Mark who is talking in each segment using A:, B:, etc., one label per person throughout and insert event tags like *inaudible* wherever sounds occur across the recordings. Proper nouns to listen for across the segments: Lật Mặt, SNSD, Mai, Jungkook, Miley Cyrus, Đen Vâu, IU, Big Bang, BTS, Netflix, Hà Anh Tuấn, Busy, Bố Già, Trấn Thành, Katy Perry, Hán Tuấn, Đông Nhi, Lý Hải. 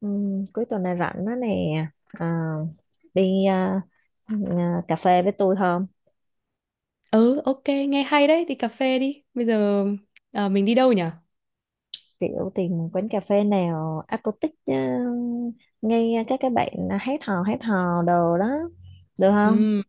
A: Ừ, cuối tuần này rảnh đó nè. à, Đi cà phê với tôi không?
B: Ừ, ok, nghe hay đấy, đi cà phê đi. Bây giờ mình đi đâu nhỉ?
A: Kiểu tìm quán cà phê nào acoustic, ngay các cái bạn hát hò đồ đó, được không?
B: Ừ,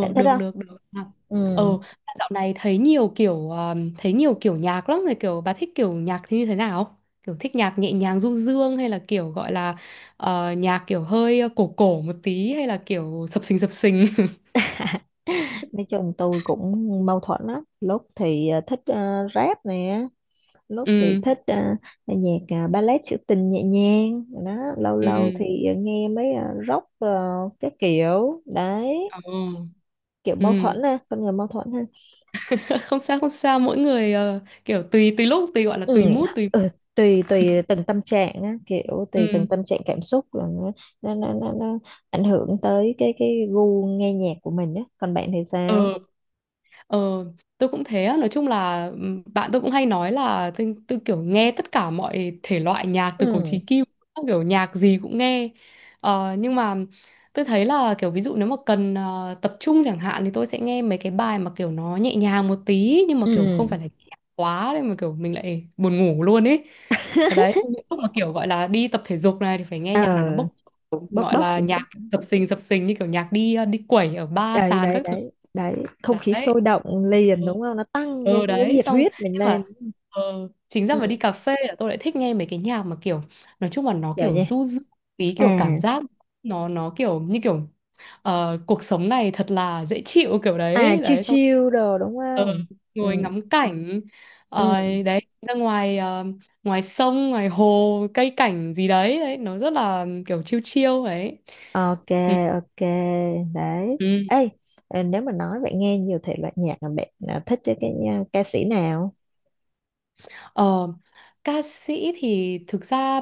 A: Bạn thích
B: được,
A: không?
B: được, được. À,
A: Ừ.
B: ừ, mà dạo này thấy nhiều kiểu nhạc lắm rồi, kiểu bà thích kiểu nhạc thì như thế nào? Kiểu thích nhạc nhẹ nhàng du dương hay là kiểu gọi là nhạc kiểu hơi cổ cổ một tí hay là kiểu sập sình sập sình? *laughs*
A: Nói chung tôi cũng mâu thuẫn lắm, lúc thì thích rap nè, lúc thì
B: Ừ,
A: thích, nhạc, ballet trữ tình nhẹ nhàng đó, lâu lâu
B: ừ,
A: thì nghe mấy, rock, cái kiểu đấy.
B: ờ,
A: Kiểu mâu
B: ừ.
A: thuẫn ha, con người mâu thuẫn ha.
B: *laughs* Không sao, không sao, mỗi người kiểu tùy tùy lúc, tùy gọi là tùy
A: Ừ,
B: mood, tùy...
A: ừ, tùy tùy từng tâm trạng á, kiểu tùy từng
B: Ừ.
A: tâm trạng cảm xúc là nó ảnh hưởng tới cái gu nghe nhạc của mình á. Còn bạn thì
B: Ờ.
A: sao?
B: Ờ, tôi cũng thế á. Nói chung là bạn tôi cũng hay nói là tôi kiểu nghe tất cả mọi thể loại nhạc từ cổ chí
A: Ừ,
B: kim, kiểu nhạc gì cũng nghe. Ờ, nhưng mà tôi thấy là kiểu ví dụ nếu mà cần tập trung chẳng hạn thì tôi sẽ nghe mấy cái bài mà kiểu nó nhẹ nhàng một tí nhưng mà kiểu không
A: ừ,
B: phải là nhẹ quá nên mà kiểu mình lại buồn ngủ luôn ấy. Ở đấy những lúc mà kiểu gọi là đi tập thể dục này thì phải nghe
A: ờ
B: nhạc nào nó bốc,
A: bốc
B: gọi
A: bốc
B: là
A: một chút.
B: nhạc dập sình như kiểu nhạc đi đi quẩy ở ba
A: Đấy,
B: sàn
A: đấy,
B: các thứ
A: đấy, đấy, không khí sôi
B: đấy.
A: động liền
B: Ừ,
A: đúng không, nó tăng cái
B: ừ
A: cái, cái
B: đấy,
A: nhiệt
B: xong
A: huyết mình
B: nhưng
A: lên.
B: mà ừ, chính ra
A: Ừ,
B: mà đi cà phê là tôi lại thích nghe mấy cái nhạc mà kiểu nói chung là nó
A: kiểu
B: kiểu
A: như,
B: du dương, ý
A: à
B: kiểu cảm giác nó kiểu như kiểu cuộc sống này thật là dễ chịu kiểu đấy,
A: chill
B: đấy xong
A: chill đồ đúng
B: ờ,
A: không? Ừ,
B: ngồi ngắm cảnh. Ờ,
A: ừ.
B: đấy ra ngoài ngoài sông ngoài hồ cây cảnh gì đấy, đấy nó rất là kiểu chill chill ấy.
A: Ok,
B: Ừ.
A: ok, đấy.
B: Ừ.
A: Ê, nếu mà nói vậy nghe nhiều thể loại nhạc, mà bạn thích chứ cái, ca sĩ nào?
B: Ờ, ca sĩ thì thực ra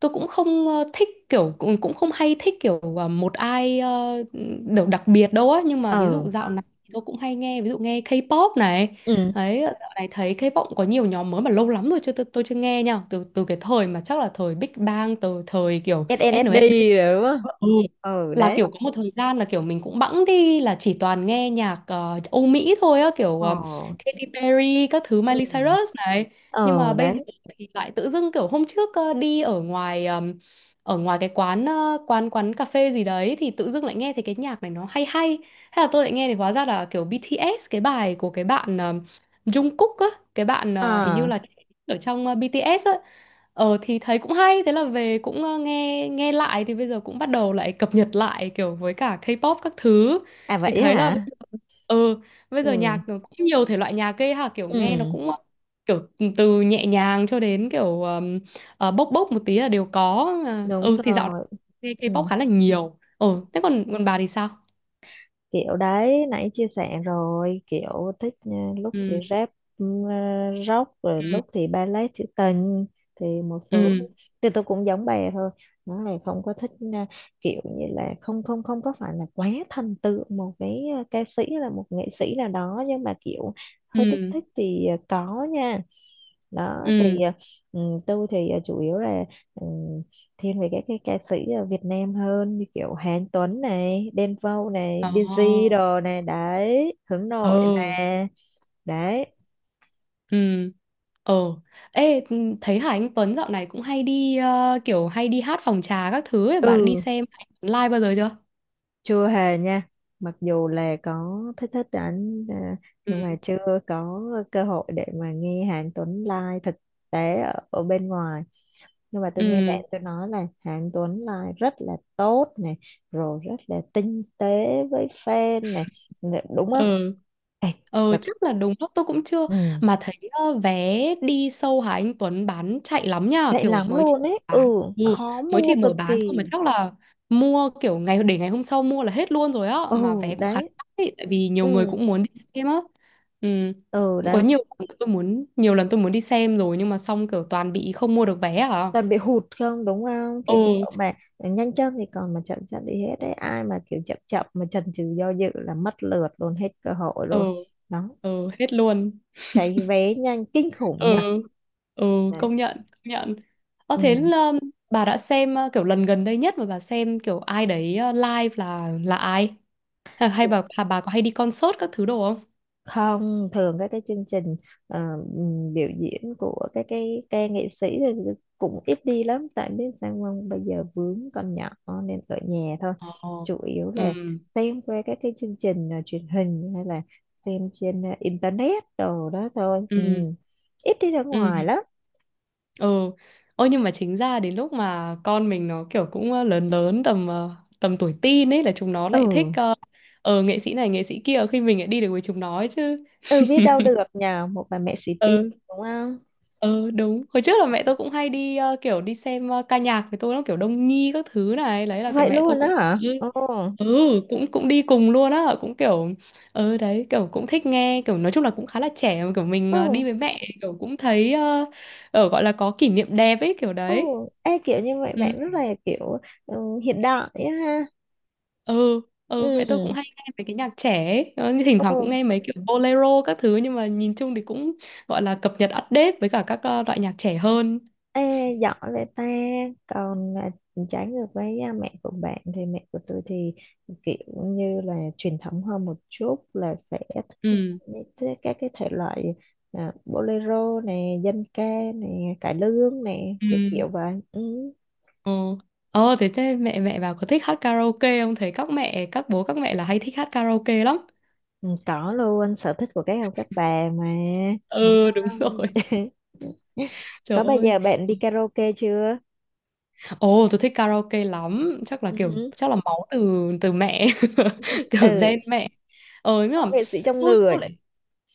B: tôi cũng không thích kiểu cũng cũng không hay thích kiểu một ai đều đặc biệt đâu á, nhưng mà ví dụ
A: Ừ,
B: dạo này thì tôi cũng hay nghe, ví dụ nghe K-pop này
A: ừ,
B: đấy. Ờ, dạo này thấy K-pop cũng có nhiều nhóm mới mà lâu lắm rồi chưa, tôi chưa nghe nha, từ từ cái thời mà chắc là thời Big Bang, từ thời kiểu
A: SNSD
B: SNSD.
A: rồi đúng không?
B: Ừ.
A: Ừ,
B: Là
A: đấy.
B: kiểu có một thời gian là kiểu mình cũng bẵng đi là chỉ toàn nghe nhạc Âu Mỹ thôi á, kiểu
A: Ồ,
B: Katy Perry các thứ,
A: ừ,
B: Miley Cyrus này. Nhưng mà
A: ừ,
B: bây giờ
A: đấy.
B: thì lại tự dưng kiểu hôm trước đi ở ngoài, ở ngoài cái quán quán quán cà phê gì đấy, thì tự dưng lại nghe thấy cái nhạc này nó hay hay, hay là tôi lại nghe thì hóa ra là kiểu BTS, cái bài của cái bạn Jungkook á, cái bạn hình như
A: À,
B: là ở trong BTS á. Ờ thì thấy cũng hay, thế là về cũng nghe nghe lại, thì bây giờ cũng bắt đầu lại cập nhật lại kiểu với cả K-pop các thứ,
A: à,
B: thì
A: vậy
B: thấy là
A: hả?
B: ừ bây giờ
A: Ừ,
B: nhạc nó cũng nhiều thể loại nhạc ghê ha, kiểu nghe nó
A: ừ,
B: cũng kiểu từ nhẹ nhàng cho đến kiểu bốc bốc một tí là đều có. À,
A: đúng
B: ừ thì dạo này
A: rồi.
B: nghe K-pop
A: Ừ.
B: khá là nhiều. Ừ, thế còn còn bà thì sao?
A: Kiểu đấy, nãy chia sẻ rồi, kiểu thích, ừ, lúc thì
B: Ừ.
A: rap, ừ, rock, rồi
B: Ừ.
A: lúc thì ballet trữ tình, thì một số,
B: Ừ.
A: thì tôi cũng giống bà thôi. Nó là không có thích, ừ, kiểu như là không không không có phải là quá thần tượng một cái, ừ, ca sĩ hay là một nghệ sĩ nào đó, nhưng mà kiểu hơi thích
B: Ừ.
A: thích thì ừ, có nha. Đó
B: Ừ.
A: thì ừ, tôi thì, ừ, chủ yếu là, ừ, thiên về các cái ca sĩ ở Việt Nam hơn, như kiểu Hán Tuấn này, Đen Vâu này, Busy
B: Ờ.
A: đồ này đấy, hướng nội
B: Ừ.
A: mà. Đấy.
B: Ừ. Ờ. Ê, ừ, thấy Hà Anh Tuấn dạo này cũng hay đi kiểu hay đi hát phòng trà các thứ ấy. Bà đã đi
A: Ừ,
B: xem live bao giờ chưa?
A: chưa hề nha. Mặc dù là có thích thích ảnh,
B: Ừ.
A: nhưng mà chưa có cơ hội để mà nghe Hàn Tuấn live thực tế ở bên ngoài. Nhưng mà tôi nghe
B: Ừ.
A: bạn tôi nói là Hàn Tuấn live rất là tốt này, rồi rất là tinh tế với fan này, đúng
B: Ừ.
A: không? Ê,
B: Ờ
A: và-
B: chắc là đúng lúc tôi cũng chưa,
A: ừ.
B: mà thấy vé đi show Hà Anh Tuấn bán chạy lắm nha,
A: Chạy
B: kiểu
A: lắm
B: mới chỉ
A: luôn ấy, ừ,
B: bán ừ,
A: khó
B: mới
A: mua
B: chỉ mở
A: cực
B: bán thôi, mà
A: kỳ.
B: chắc là mua kiểu ngày, để ngày hôm sau mua là hết luôn rồi á,
A: Ừ,
B: mà vé cũng khá
A: đấy.
B: đắt ấy, tại vì nhiều người
A: Ừ,
B: cũng muốn đi xem á. Ừ.
A: ừ,
B: Cũng có
A: đấy,
B: nhiều lần tôi muốn đi xem rồi nhưng mà xong kiểu toàn bị không mua được vé à.
A: toàn bị hụt không đúng không, cái
B: Ừ.
A: kiểu mà nhanh chân thì còn, mà chậm chậm thì hết đấy. Ai mà kiểu chậm chậm mà chần chừ do dự là mất lượt luôn, hết cơ hội luôn.
B: Ừ.
A: Đó,
B: Ừ, hết luôn.
A: cháy vé nhanh kinh
B: Ừ.
A: khủng nhỉ.
B: Ừ,
A: Đấy.
B: công nhận, công nhận. Ờ
A: Ừ.
B: thế là bà đã xem kiểu lần gần đây nhất mà bà xem kiểu ai đấy live là ai? Hay, hay bà, hay bà có hay đi concert các thứ đồ không?
A: Không thường các cái chương trình, ờ, biểu diễn của các cái ca nghệ sĩ thì cũng ít đi lắm, tại biết sao không, bây giờ vướng con nhỏ nên ở nhà thôi.
B: Ờ.
A: Chủ yếu
B: Ừ.
A: là xem qua các cái chương trình, truyền hình, hay là xem trên, internet đồ đó thôi. Ừ.
B: Ừ.
A: Ít đi ra
B: Ừ.
A: ngoài lắm.
B: Ừ. Ôi nhưng mà chính ra đến lúc mà con mình nó kiểu cũng lớn lớn tầm tầm tuổi teen ấy, là chúng nó lại thích
A: Ừ,
B: nghệ sĩ này nghệ sĩ kia, khi mình lại đi được với chúng nó ấy chứ.
A: ừ, biết đâu được nhờ một bà mẹ xì tin,
B: Ừ.
A: đúng không.
B: Ừ đúng, hồi trước là mẹ tôi cũng hay đi kiểu đi xem ca nhạc với tôi, nó kiểu Đông Nhi các thứ này, đấy là cái
A: Vậy
B: mẹ tôi
A: luôn đó
B: cũng
A: hả? Ừ,
B: ừ cũng cũng đi cùng luôn á, cũng kiểu ừ đấy, kiểu cũng thích nghe, kiểu nói chung là cũng khá là trẻ mà, kiểu mình đi
A: ừ,
B: với mẹ kiểu cũng thấy gọi là có kỷ niệm đẹp ấy, kiểu
A: ừ.
B: đấy.
A: Ê, kiểu như vậy
B: Ừ.
A: bạn rất là kiểu, ừ, hiện đại á ha.
B: Ừ. Ừ, mẹ tôi cũng
A: Ừ,
B: hay nghe mấy cái nhạc trẻ ấy. Ờ, như thỉnh thoảng cũng
A: ừ,
B: nghe mấy kiểu bolero các thứ, nhưng mà nhìn chung thì cũng gọi là cập nhật, update với cả các loại nhạc trẻ hơn.
A: ê, giỏi vậy ta. Còn trái ngược với mẹ của bạn thì mẹ của tôi thì kiểu như là truyền thống hơn một chút, là sẽ thích
B: Ừ.
A: các cái thể loại, bolero nè, dân ca nè, cải lương nè,
B: Ừ.
A: kiểu kiểu vậy. Ừ.
B: Ờ. Ờ thế, mẹ mẹ bảo có thích hát karaoke không? Thấy các mẹ, các bố các mẹ là hay thích hát karaoke lắm.
A: Ừ, có luôn, sở thích của các ông các bà mà, đúng
B: Ừ đúng *laughs*
A: không?
B: rồi. Trời
A: Có bao
B: ơi.
A: giờ bạn đi karaoke chưa?
B: Ồ, tôi thích karaoke lắm, chắc là
A: Ừ
B: kiểu,
A: hứ.
B: chắc là máu từ từ mẹ, *laughs* kiểu
A: Ừ,
B: gen mẹ. Ờ nhưng
A: giống
B: mà
A: nghệ sĩ trong
B: tôi
A: người.
B: tôi lại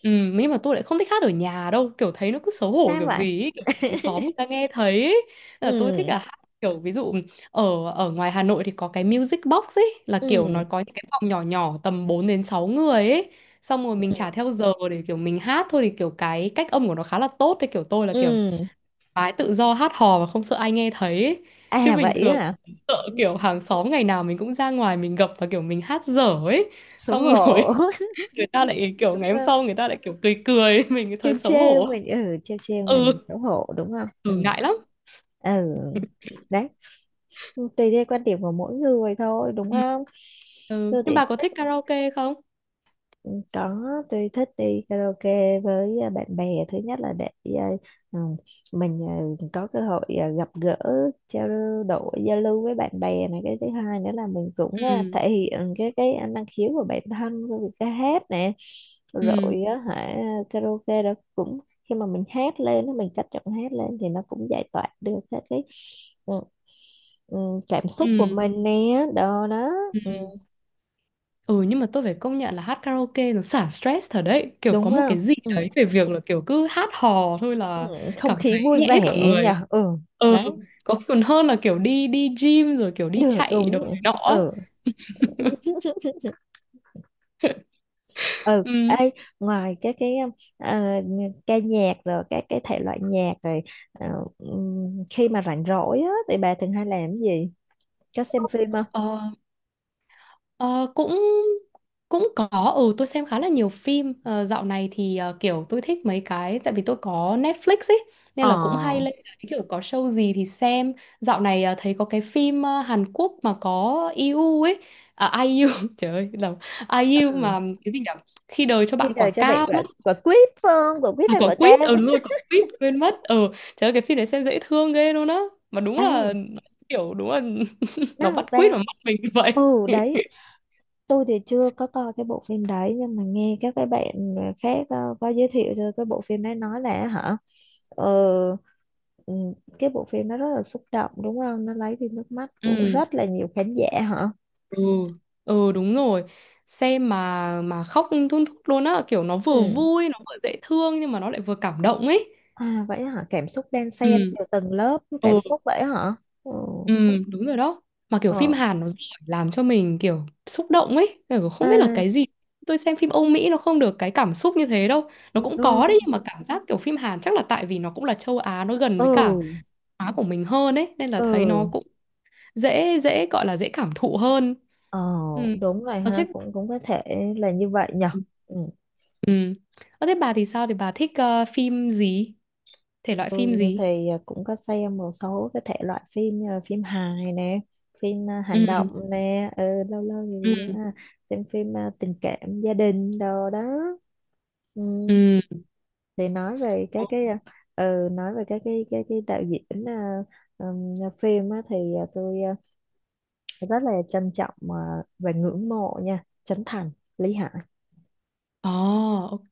B: nhưng mà tôi lại không thích hát ở nhà đâu, kiểu thấy nó cứ xấu hổ
A: Sao
B: kiểu
A: vậy?
B: gì ấy, kiểu bị hàng xóm
A: *laughs*
B: người ta nghe thấy ấy. Là tôi thích
A: Ừ,
B: là hát kiểu ví dụ ở ở ngoài Hà Nội thì có cái music box ấy, là kiểu nó
A: ừ,
B: có những cái phòng nhỏ nhỏ tầm 4 đến 6 người ấy. Xong rồi mình trả
A: ừ,
B: theo giờ để kiểu mình hát thôi, thì kiểu cái cách âm của nó khá là tốt, thế kiểu tôi là kiểu
A: ừ.
B: gái tự do hát hò mà không sợ ai nghe thấy ấy. Chứ
A: À
B: bình
A: vậy á
B: thường
A: hả?
B: sợ
A: Ừ,
B: kiểu hàng xóm, ngày nào mình cũng ra ngoài mình gặp, và kiểu mình hát dở ấy,
A: xấu
B: xong rồi
A: hổ.
B: *laughs* người ta
A: *laughs*
B: lại kiểu
A: Đúng
B: ngày hôm
A: không,
B: sau người ta lại kiểu cười cười *laughs* mình
A: trêu
B: thấy xấu
A: trêu
B: hổ.
A: mình, ừ, trêu trêu là mình
B: Ừ,
A: xấu hổ đúng không.
B: ừ
A: Ừ,
B: ngại lắm.
A: ừ, đấy, tùy theo quan điểm của mỗi người thôi, đúng
B: Ừ.
A: không?
B: Ừ.
A: Tôi thì
B: Nhưng bà có thích
A: thích.
B: karaoke không?
A: Ừ, có, tôi thích đi karaoke với, bạn bè. Thứ nhất là để, à, ừ, mình có cơ hội gặp gỡ, trao đổi, giao lưu với bạn bè này. Cái thứ hai nữa là mình cũng,
B: Ừ.
A: thể hiện cái năng khiếu của bản thân với việc ca hát nè,
B: Ừ.
A: rồi á hả. Karaoke đó cũng, khi mà mình hát lên á, mình cất giọng hát lên thì nó cũng giải tỏa được các cái, ừ, ừ, cảm xúc của
B: Ừ.
A: mình nè. Đó đó. Ừ,
B: Ừ. Ừ, nhưng mà tôi phải công nhận là hát karaoke nó xả stress thật đấy, kiểu có
A: đúng
B: một
A: không.
B: cái gì
A: Ừ.
B: đấy về việc là kiểu cứ hát hò thôi
A: Ừ,
B: là
A: không
B: cảm
A: khí
B: thấy
A: vui
B: nhẹ hết cả
A: vẻ nhỉ.
B: người.
A: Ừ,
B: Ừ,
A: đấy,
B: có còn hơn là kiểu đi đi gym rồi kiểu đi
A: được,
B: chạy
A: đúng
B: đồ
A: rồi.
B: này nọ á.
A: Ừ.
B: *laughs*
A: *laughs* Ừ
B: Ừ.
A: ấy, ngoài cái ờ, ca nhạc rồi các cái thể loại nhạc rồi, ờ, khi mà rảnh rỗi á thì bà thường hay làm cái gì, có xem phim không?
B: Ờ, ờ, cũng cũng có, ừ tôi xem khá là nhiều phim. Ờ, dạo này thì kiểu tôi thích mấy cái, tại vì tôi có Netflix ấy nên là cũng hay
A: ờ
B: lên, cái kiểu có show gì thì xem. Dạo này thấy có cái phim Hàn Quốc mà có IU ấy, à, ai IU *laughs* trời ơi, là ai IU
A: ừ.
B: mà cái gì nhỉ, khi đời cho
A: Khi
B: bạn quả
A: đời cho bạn
B: cam.
A: quả quả quýt phương, quả quýt
B: À,
A: hay
B: có
A: quả cam?
B: quýt, ừ
A: *laughs*
B: đúng rồi, có quýt, quên mất. Ừ, trời ơi cái phim này xem dễ thương ghê luôn á, mà đúng là,
A: Ấy
B: kiểu đúng là *laughs*
A: nó
B: nó
A: làm
B: bắt quýt
A: sao?
B: vào mắt mình như vậy.
A: Ừ đấy.
B: *laughs*
A: Tôi thì chưa có coi cái bộ phim đấy, nhưng mà nghe các cái bạn khác có giới thiệu cho cái bộ phim đấy, nói là hả, ờ, ừ, cái bộ phim nó rất là xúc động đúng không, nó lấy đi nước mắt của
B: Ừ.
A: rất là nhiều khán giả hả.
B: Ừ. Ừ, đúng rồi, xem mà khóc thun thút luôn á, kiểu nó vừa
A: Ừ.
B: vui nó vừa dễ thương nhưng mà nó lại vừa cảm động ấy.
A: À vậy hả, cảm xúc đan xen,
B: Ừ.
A: nhiều tầng lớp
B: Ừ.
A: cảm xúc vậy hả. Ừ.
B: Ừ, đúng rồi đó. Mà kiểu
A: ờ
B: phim Hàn nó giỏi làm cho mình kiểu xúc động ấy. Kiểu không biết là
A: à,
B: cái gì. Tôi xem phim Âu Mỹ nó không được cái cảm xúc như thế đâu. Nó cũng có đấy,
A: ừ.
B: nhưng mà cảm giác kiểu phim Hàn chắc là tại vì nó cũng là châu Á, nó gần
A: Ừ,
B: với cả Á của mình hơn ấy, nên là thấy nó
A: ừ,
B: cũng dễ dễ, gọi là dễ cảm thụ hơn.
A: ờ
B: Ừ.
A: đúng rồi
B: Ờ
A: ha,
B: thế.
A: cũng cũng có thể là như vậy nhở. Ừ.
B: Ừ. Ờ thế bà thì sao, thì bà thích phim gì? Thể loại phim
A: Tôi
B: gì?
A: thì, cũng có xem một số cái thể loại phim như là phim hài nè, phim hành động
B: Ừ.
A: nè, ừ, lâu lâu thì
B: Ừ.
A: xem phim tình cảm gia đình đồ đó. Ừ,
B: Ừ.
A: thì nói về các cái đạo diễn, phim á, thì, tôi, rất là trân trọng, và ngưỡng mộ nha, Trấn Thành, Lý Hải.
B: Ồ, ok.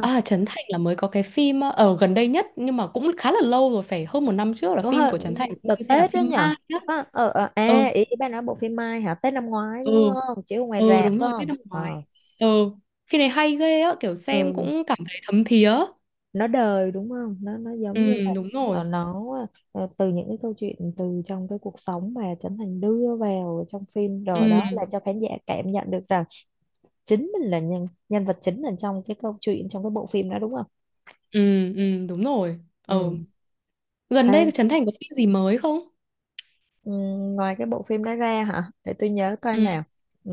B: À, Trấn Thành là mới có cái phim ở gần đây nhất nhưng mà cũng khá là lâu rồi, phải hơn một năm trước là
A: Đúng
B: phim
A: rồi,
B: của Trấn Thành, phim tôi
A: đợt
B: xem là
A: Tết đó
B: phim
A: nhở.
B: Ma nhá. Ừ,
A: Ý bà nói bộ phim Mai hả, Tết năm ngoái đúng
B: ừ,
A: không, chiếu ở ngoài
B: ừ
A: rạp
B: đúng
A: phải
B: rồi, Tết
A: không?
B: năm
A: Ờ,
B: ngoái. Ừ, phim này hay ghê á, kiểu xem
A: ừ,
B: cũng cảm thấy thấm thía.
A: nó đời đúng không, nó giống
B: Ừ,
A: như là,
B: đúng rồi.
A: nó, từ những cái câu chuyện từ trong cái cuộc sống mà Trấn Thành đưa vào trong phim
B: Ừ,
A: rồi, đó là cho khán giả cảm nhận được rằng chính mình là nhân nhân vật chính là trong cái câu chuyện, trong cái bộ phim đó đúng không.
B: ừ, ừ, đúng rồi.
A: Ừ.
B: Ừ. Gần
A: Ê,
B: đây Trấn Thành có phim gì mới không?
A: ừ, ngoài cái bộ phim đó ra hả, để tôi nhớ coi
B: Ừ,
A: nào, ừ,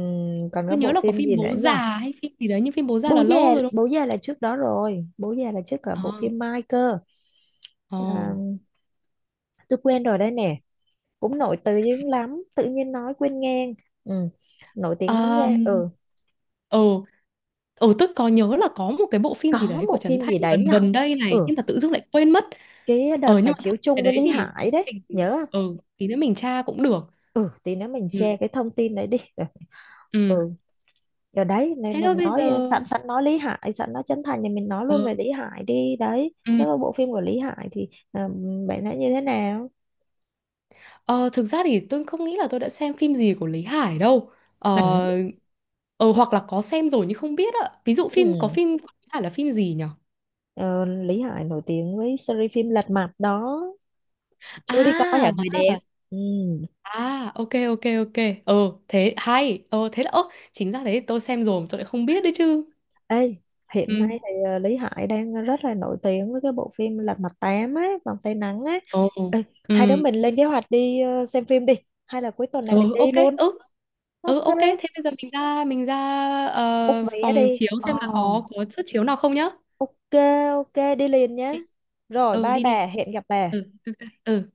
A: còn có
B: tôi nhớ
A: bộ
B: là có
A: phim
B: phim
A: gì nữa
B: Bố
A: nhỉ.
B: Già hay phim gì đấy, nhưng phim Bố Già
A: Bố
B: là lâu
A: Già,
B: rồi đúng
A: Bố Già là trước đó rồi, Bố Già là trước cả bộ
B: không?
A: phim Mai cơ.
B: Ờ, ờ.
A: à, tôi quên rồi đây nè, cũng nổi tiếng lắm tự nhiên nói quên ngang. Ừ, nổi tiếng lắm nha.
B: Um,
A: Ừ,
B: ừ ừ tôi có nhớ là có một cái bộ phim gì
A: có
B: đấy của
A: bộ
B: Trấn
A: phim
B: Thành
A: gì đấy
B: gần
A: nhở.
B: gần đây này,
A: Ừ,
B: nhưng mà tự dưng lại quên mất.
A: cái đợt
B: Ờ
A: mà
B: nhưng mà thôi
A: chiếu
B: cái
A: chung với
B: đấy
A: Lý
B: thì tí
A: Hải
B: nữa
A: đấy,
B: mình,
A: nhớ không.
B: tí nữa mình tra cũng được.
A: Ừ, tí nữa mình
B: Ừ.
A: che cái thông tin đấy đi. Rồi.
B: Ừ
A: Ừ giờ đấy, nên
B: thế
A: là
B: thôi, bây giờ
A: nói, sẵn sẵn nói Lý Hải, sẵn nói Trấn Thành thì mình nói
B: ờ,
A: luôn về Lý Hải đi, đấy
B: ừ.
A: cái bộ phim của Lý Hải thì, bạn thấy như thế nào.
B: Ờ, thực ra thì tôi không nghĩ là tôi đã xem phim gì của Lý Hải đâu.
A: Ừ.
B: Ờ, ờ hoặc là có xem rồi nhưng không biết ạ, ví dụ có
A: Ừ.
B: phim của Lý Hải là phim gì nhỉ?
A: Ờ, Lý Hải nổi tiếng với series phim Lật Mặt đó,
B: À
A: chưa đi coi hả
B: hóa
A: người
B: ra
A: đẹp.
B: là.
A: Ừ.
B: À, ok ok ok. Ừ, thế hay. Ờ thế là ơ, chính ra đấy tôi xem rồi mà tôi lại không biết đấy chứ.
A: Ê, hiện nay
B: Ừ.
A: thì, Lý Hải đang rất là nổi tiếng với cái bộ phim Lật Mặt 8 á, Vòng Tay Nắng á.
B: Ồ.
A: Ê, hai đứa
B: Ừ.
A: mình lên kế hoạch đi, xem phim đi, hay là cuối tuần này mình
B: Ừ,
A: đi
B: ok.
A: luôn.
B: Ừ. Ừ,
A: Ok,
B: ok. Thế bây giờ mình ra,
A: book
B: ờ,
A: vé
B: phòng
A: đi.
B: chiếu xem là
A: Ồ,
B: có suất chiếu nào không nhá.
A: ok, ok, đi liền nhé. Rồi,
B: Ừ,
A: bye
B: đi đi.
A: bà, hẹn gặp bà.
B: Ừ. Ừ.